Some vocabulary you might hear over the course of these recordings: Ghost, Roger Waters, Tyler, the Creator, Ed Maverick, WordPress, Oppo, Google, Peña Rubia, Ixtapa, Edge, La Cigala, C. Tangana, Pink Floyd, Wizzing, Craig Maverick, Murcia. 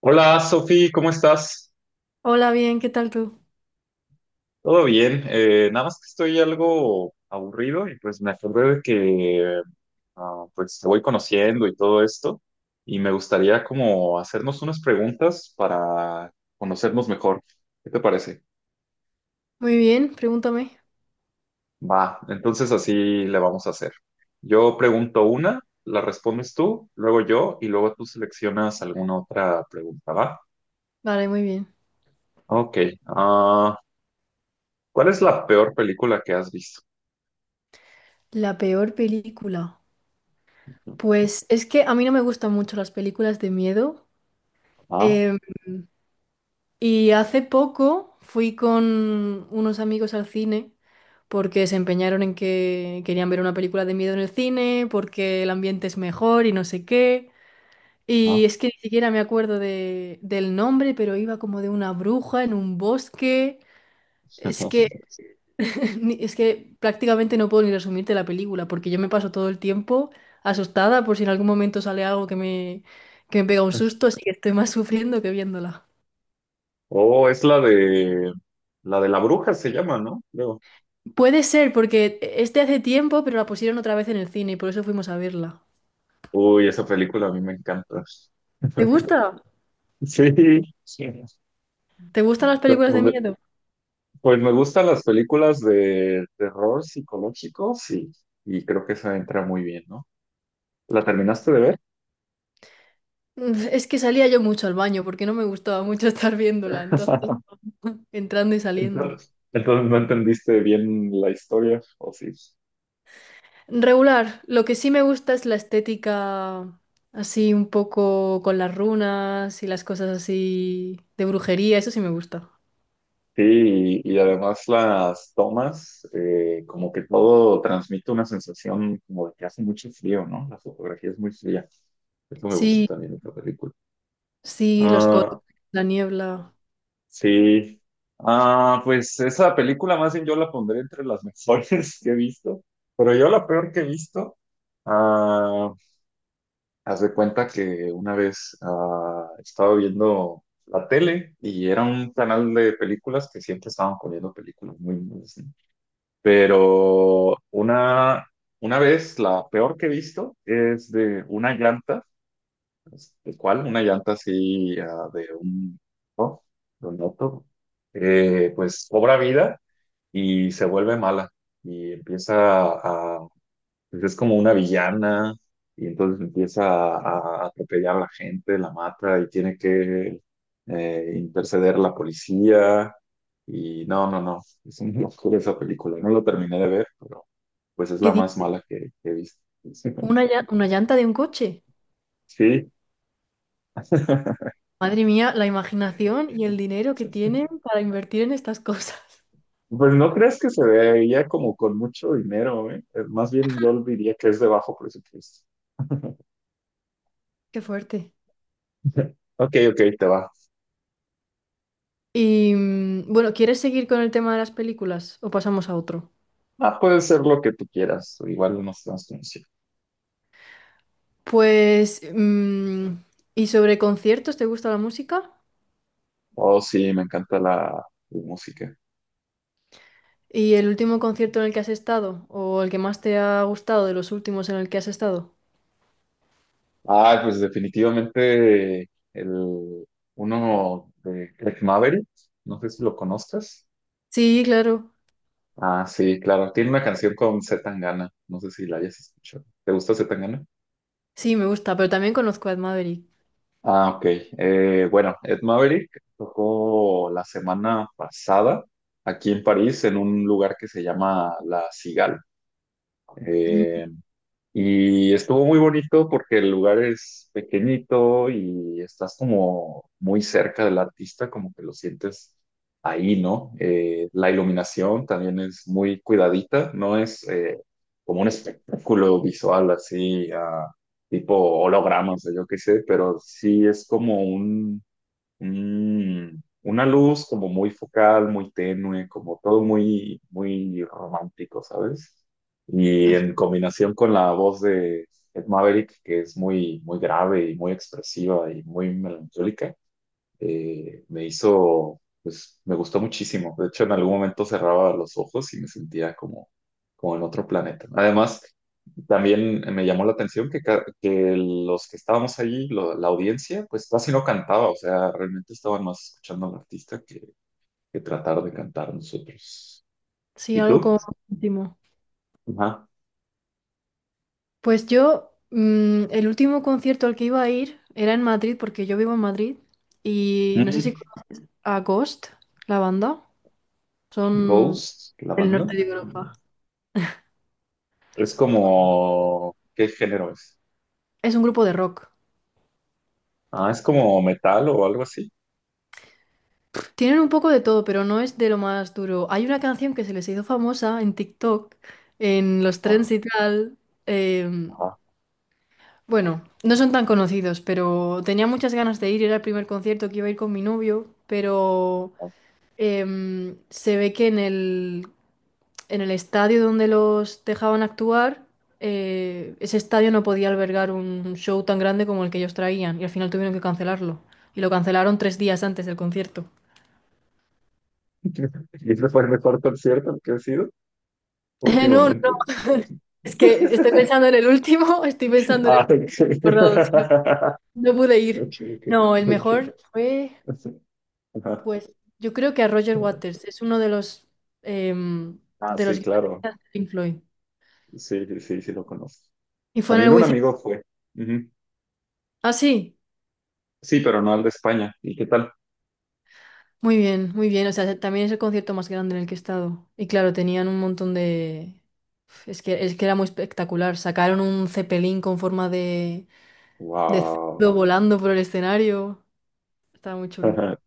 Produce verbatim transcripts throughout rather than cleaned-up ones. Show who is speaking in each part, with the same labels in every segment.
Speaker 1: Hola, Sofi, ¿cómo estás?
Speaker 2: Hola, bien, ¿qué tal tú?
Speaker 1: Todo bien, eh, nada más que estoy algo aburrido y pues me acordé de que ah, pues te voy conociendo y todo esto y me gustaría como hacernos unas preguntas para conocernos mejor. ¿Qué te parece?
Speaker 2: Muy bien, pregúntame.
Speaker 1: Va, entonces así le vamos a hacer. Yo pregunto una, la respondes tú, luego yo y luego tú seleccionas alguna otra pregunta, ¿va?
Speaker 2: Vale, muy bien.
Speaker 1: Ok, ah, ¿cuál es la peor película que has visto?
Speaker 2: La peor película. Pues es que a mí no me gustan mucho las películas de miedo.
Speaker 1: Ah,
Speaker 2: em, y hace poco fui con unos amigos al cine porque se empeñaron en que querían ver una película de miedo en el cine, porque el ambiente es mejor y no sé qué.
Speaker 1: ah.
Speaker 2: Y es que ni siquiera me acuerdo de- del nombre, pero iba como de una bruja en un bosque. Es que Ni- Es que prácticamente no puedo ni resumirte la película, porque yo me paso todo el tiempo asustada por si en algún momento sale algo que me, que me pega un susto, así que estoy más sufriendo que viéndola.
Speaker 1: Oh, es la de la de la bruja se llama, ¿no? Creo.
Speaker 2: Puede ser, porque este hace tiempo, pero la pusieron otra vez en el cine y por eso fuimos a verla.
Speaker 1: Uy, esa película a mí me encanta.
Speaker 2: ¿Te gusta?
Speaker 1: Sí, sí.
Speaker 2: ¿Te gustan las
Speaker 1: pero
Speaker 2: películas de
Speaker 1: pues
Speaker 2: miedo?
Speaker 1: pues me gustan las películas de terror psicológico, sí, y creo que esa entra muy bien, ¿no? ¿La terminaste de ver?
Speaker 2: Mm, Es que salía yo mucho al baño porque no me gustaba mucho estar viéndola, entonces entrando y saliendo.
Speaker 1: Entonces, entonces no entendiste bien la historia, ¿o sí?
Speaker 2: Regular, lo que sí me gusta es la estética así un poco con las runas y las cosas así de brujería, eso sí me gusta.
Speaker 1: Sí, y, y además las tomas, eh, como que todo transmite una sensación como de que hace mucho frío, ¿no? La fotografía es muy fría. Eso me gusta
Speaker 2: Sí,
Speaker 1: también de esta película.
Speaker 2: sí, los colores,
Speaker 1: Ah,
Speaker 2: la niebla.
Speaker 1: sí. Ah, pues esa película más bien yo la pondré entre las mejores que he visto, pero yo la peor que he visto, ah, haz de cuenta que una vez ah, estaba viendo la tele y era un canal de películas que siempre estaban poniendo películas muy malas. Pero una, una vez, la peor que he visto es de una llanta, ¿de cuál? Una llanta así ah, de un, ¿no? De un auto, eh, pues cobra vida y se vuelve mala y empieza a pues es como una villana y entonces empieza a, a atropellar a la gente, la mata y tiene que eh, interceder la policía. Y no, no, no, es una locura esa película. No la terminé de ver, pero pues es
Speaker 2: ¿Qué
Speaker 1: la más
Speaker 2: dices?
Speaker 1: mala que, que he visto.
Speaker 2: ¿Una, llan- una llanta de un coche?
Speaker 1: Sí.
Speaker 2: Madre mía, la imaginación y el dinero que tienen para invertir en estas cosas.
Speaker 1: Pues no crees que se veía como con mucho dinero, ¿eh? Eh, Más bien yo diría que es de bajo presupuesto.
Speaker 2: Qué fuerte.
Speaker 1: Ok, ok, te va.
Speaker 2: Y mm, bueno, ¿quieres seguir con el tema de las películas o pasamos a otro?
Speaker 1: Ah, puede ser lo que tú quieras. Igual no estamos conociendo.
Speaker 2: Pues, mm, ¿y sobre conciertos? ¿Te gusta la música?
Speaker 1: Oh, sí, me encanta la, la música.
Speaker 2: ¿Y el último concierto en el que has estado? ¿O el que más te ha gustado de los últimos en el que has estado?
Speaker 1: Ah, pues definitivamente el, uno de Craig Maverick, no sé si lo conozcas.
Speaker 2: Sí, claro.
Speaker 1: Ah, sí, claro, tiene una canción con C. Tangana, no sé si la hayas escuchado. ¿Te gusta C. Tangana?
Speaker 2: Sí, me gusta, pero también conozco a Ed Maverick.
Speaker 1: Ah, ok. Eh, bueno, Ed Maverick tocó la semana pasada aquí en París en un lugar que se llama La Cigala.
Speaker 2: Mm.
Speaker 1: Y estuvo muy bonito porque el lugar es pequeñito y estás como muy cerca del artista, como que lo sientes ahí, ¿no? Eh, la iluminación también es muy cuidadita, no es eh, como un espectáculo visual así, ah, tipo hologramas o yo qué sé, pero sí es como Mm, una luz como muy focal, muy tenue, como todo muy, muy romántico, ¿sabes? Y en combinación con la voz de Ed Maverick, que es muy, muy grave y muy expresiva y muy melancólica, eh, me hizo, pues me gustó muchísimo. De hecho, en algún momento cerraba los ojos y me sentía como, como en otro planeta. ¿No? Además, también me llamó la atención que, ca- que los que estábamos ahí, lo- la audiencia, pues casi no cantaba, o sea, realmente estaban más escuchando al artista que, que tratar de cantar nosotros.
Speaker 2: Sí,
Speaker 1: ¿Y
Speaker 2: algo
Speaker 1: tú?
Speaker 2: como último.
Speaker 1: Ajá.
Speaker 2: Pues yo, mm, el último concierto al que iba a ir era en Madrid, porque yo vivo en Madrid. Y no sé si
Speaker 1: Mm,
Speaker 2: conoces a Ghost, la banda. Son
Speaker 1: Ghost, la
Speaker 2: del
Speaker 1: banda.
Speaker 2: norte de Europa.
Speaker 1: Es como, ¿qué género es?
Speaker 2: Es un grupo de rock.
Speaker 1: Ah, es como metal o algo así.
Speaker 2: Tienen un poco de todo, pero no es de lo más duro. Hay una canción que se les hizo famosa en TikTok, en los trends
Speaker 1: Ah,
Speaker 2: y tal. em,
Speaker 1: ajá.
Speaker 2: bueno, no son tan conocidos, pero tenía muchas ganas de ir. Era el primer concierto que iba a ir con mi novio, pero em, se ve que en el, en el estadio donde los dejaban actuar, eh, ese estadio no podía albergar un show tan grande como el que ellos traían y al final tuvieron que cancelarlo. Y lo cancelaron tres días antes del concierto.
Speaker 1: Y ese fue el mejor concierto que ha sido
Speaker 2: No, no,
Speaker 1: últimamente.
Speaker 2: es que estoy pensando en el último, estoy pensando en
Speaker 1: Ah,
Speaker 2: el último
Speaker 1: ok.
Speaker 2: round, sí. No, no pude ir.
Speaker 1: Ok, ok,
Speaker 2: No, el
Speaker 1: ok.
Speaker 2: mejor fue,
Speaker 1: Ajá.
Speaker 2: pues, yo creo que a Roger Waters, es uno de los em,
Speaker 1: Ah,
Speaker 2: de los
Speaker 1: sí, claro.
Speaker 2: guitarristas de Pink Floyd.
Speaker 1: Sí, sí, sí, sí lo conozco.
Speaker 2: Y fue en el
Speaker 1: También un
Speaker 2: Wizzing.
Speaker 1: amigo fue. Ujú.
Speaker 2: Ah, sí,
Speaker 1: Sí, pero no al de España. ¿Y qué tal?
Speaker 2: muy bien, muy bien. O sea, también es el concierto más grande en el que he estado. Y claro, tenían un montón de. Es que, es que era muy espectacular. Sacaron un cepelín con forma de, de
Speaker 1: Wow.
Speaker 2: cerdo volando por el escenario. Estaba muy chulo.
Speaker 1: Ajá.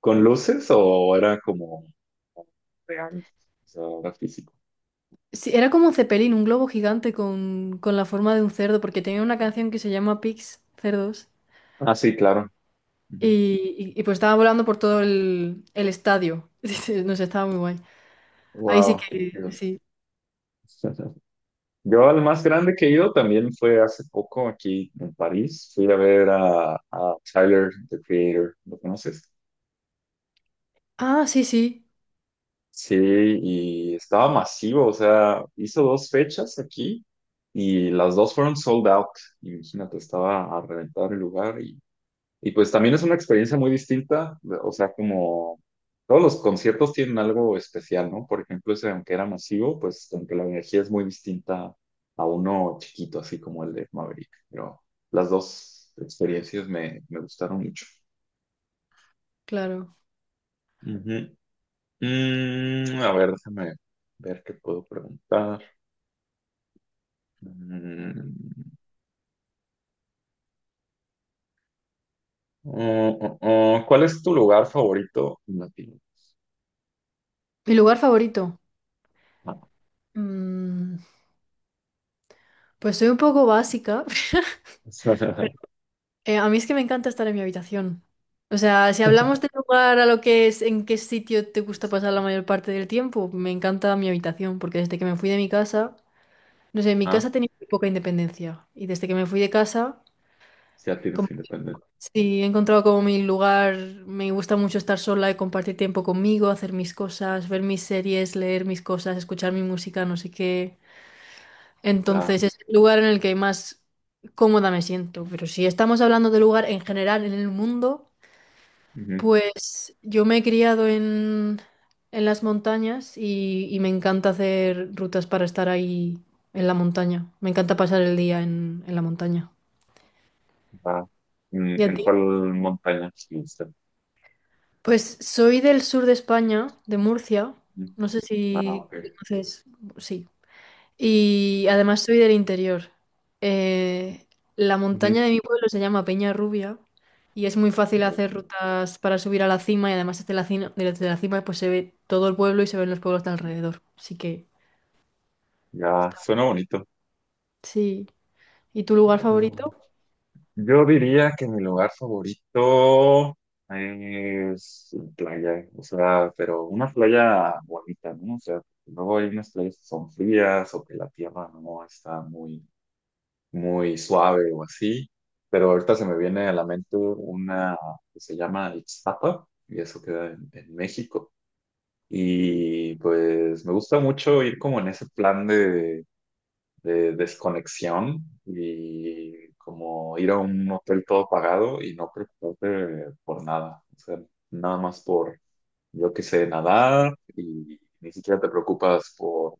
Speaker 1: ¿Con luces o era como real? O sea, era físico.
Speaker 2: Sí, era como Zeppelin, un globo gigante con, con la forma de un cerdo, porque tenía una canción que se llama Pigs, cerdos,
Speaker 1: Ah, sí, claro.
Speaker 2: y, y- y pues estaba volando por todo el, el estadio. Dice, no sé, estaba muy guay. Ahí sí
Speaker 1: Wow, qué
Speaker 2: que,
Speaker 1: chido.
Speaker 2: sí.
Speaker 1: Yo al más grande que he ido también fue hace poco aquí en París. Fui a ver a, a Tyler, the Creator, ¿lo conoces?
Speaker 2: Ah, sí, sí,
Speaker 1: Sí, y estaba masivo, o sea, hizo dos fechas aquí y las dos fueron sold out. Imagínate, estaba a reventar el lugar y Y pues también es una experiencia muy distinta, o sea, como todos los conciertos tienen algo especial, ¿no? Por ejemplo, ese, aunque era masivo, pues aunque la energía es muy distinta a uno chiquito, así como el de Maverick, pero las dos experiencias me, me gustaron mucho.
Speaker 2: claro.
Speaker 1: Ujú. Mm, a ver, déjame ver qué puedo preguntar. Mm, oh, oh, oh, ¿cuál es tu lugar favorito en Latino?
Speaker 2: Mi lugar favorito.
Speaker 1: Ah.
Speaker 2: Mm, pues soy un poco básica, pero eh, a mí es que me encanta estar en mi habitación. O sea, si hablamos de lugar a lo que es, en qué sitio te gusta pasar la mayor parte del tiempo, me encanta mi habitación, porque desde que me fui de mi casa... No sé, en mi
Speaker 1: Ah,
Speaker 2: casa tenía muy poca independencia y desde que me fui de casa,
Speaker 1: ya tienes
Speaker 2: como,
Speaker 1: independencia.
Speaker 2: sí, he encontrado como mi lugar, me gusta mucho estar sola y compartir tiempo conmigo, hacer mis cosas, ver mis series, leer mis cosas, escuchar mi música, no sé qué.
Speaker 1: Ya,
Speaker 2: Entonces es el lugar en el que más cómoda me siento, pero si estamos hablando de lugar en general en el mundo,
Speaker 1: ujú,
Speaker 2: pues yo me he criado en, en las montañas y, y me encanta hacer rutas para estar ahí en la montaña. Me encanta pasar el día en, en la montaña.
Speaker 1: va. ¿En,
Speaker 2: ¿Y a
Speaker 1: en
Speaker 2: ti?
Speaker 1: cuál montaña estuviste?
Speaker 2: Pues soy del sur de España, de Murcia.
Speaker 1: Ujú.
Speaker 2: No sé
Speaker 1: Ah,
Speaker 2: si
Speaker 1: ok.
Speaker 2: conoces. Sí. Y además soy del interior. Eh, la montaña
Speaker 1: Ujú.
Speaker 2: de mi pueblo se llama Peña Rubia y es muy fácil
Speaker 1: Oh,
Speaker 2: hacer rutas para subir a la cima y además desde la cima, desde la cima pues se ve todo el pueblo y se ven los pueblos de alrededor. Así que
Speaker 1: ya,
Speaker 2: está.
Speaker 1: suena bonito.
Speaker 2: Sí. ¿Y tu lugar
Speaker 1: Mm,
Speaker 2: favorito?
Speaker 1: yo diría que mi lugar favorito es playa, o sea, pero una playa bonita, ¿no? O sea, luego hay unas playas que son frías o que la tierra no está muy, muy suave o así, pero ahorita se me viene a la mente una que se llama Ixtapa y eso queda en, en México. Y pues me gusta mucho ir como en ese plan de, de desconexión y como ir a un hotel todo pagado y no preocuparte por nada. O sea, nada más por, yo que sé nadar y ni siquiera te preocupas por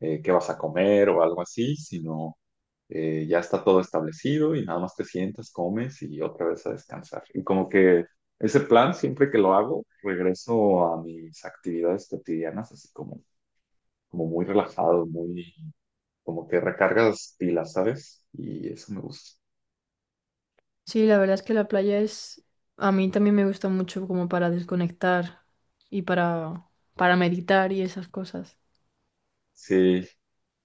Speaker 1: eh, qué vas a comer o algo así, sino eh, ya está todo establecido y nada más te sientas, comes y otra vez a descansar. Y como que ese plan, siempre que lo hago, regreso a mis actividades cotidianas, así como, como muy relajado, muy como que recargas pilas, ¿sabes? Y eso me gusta.
Speaker 2: Sí, la verdad es que la playa es... A mí también me gusta mucho como para desconectar y para, para meditar y esas cosas.
Speaker 1: Sí,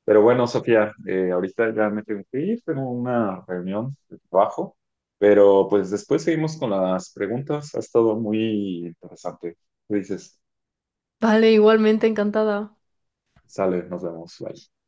Speaker 1: pero bueno, Sofía, eh, ahorita ya me tengo que ir, tengo una reunión de trabajo, pero pues después seguimos con las preguntas. Ha estado muy interesante. Tú dices,
Speaker 2: Vale, igualmente encantada.
Speaker 1: sale, nos vemos, bye.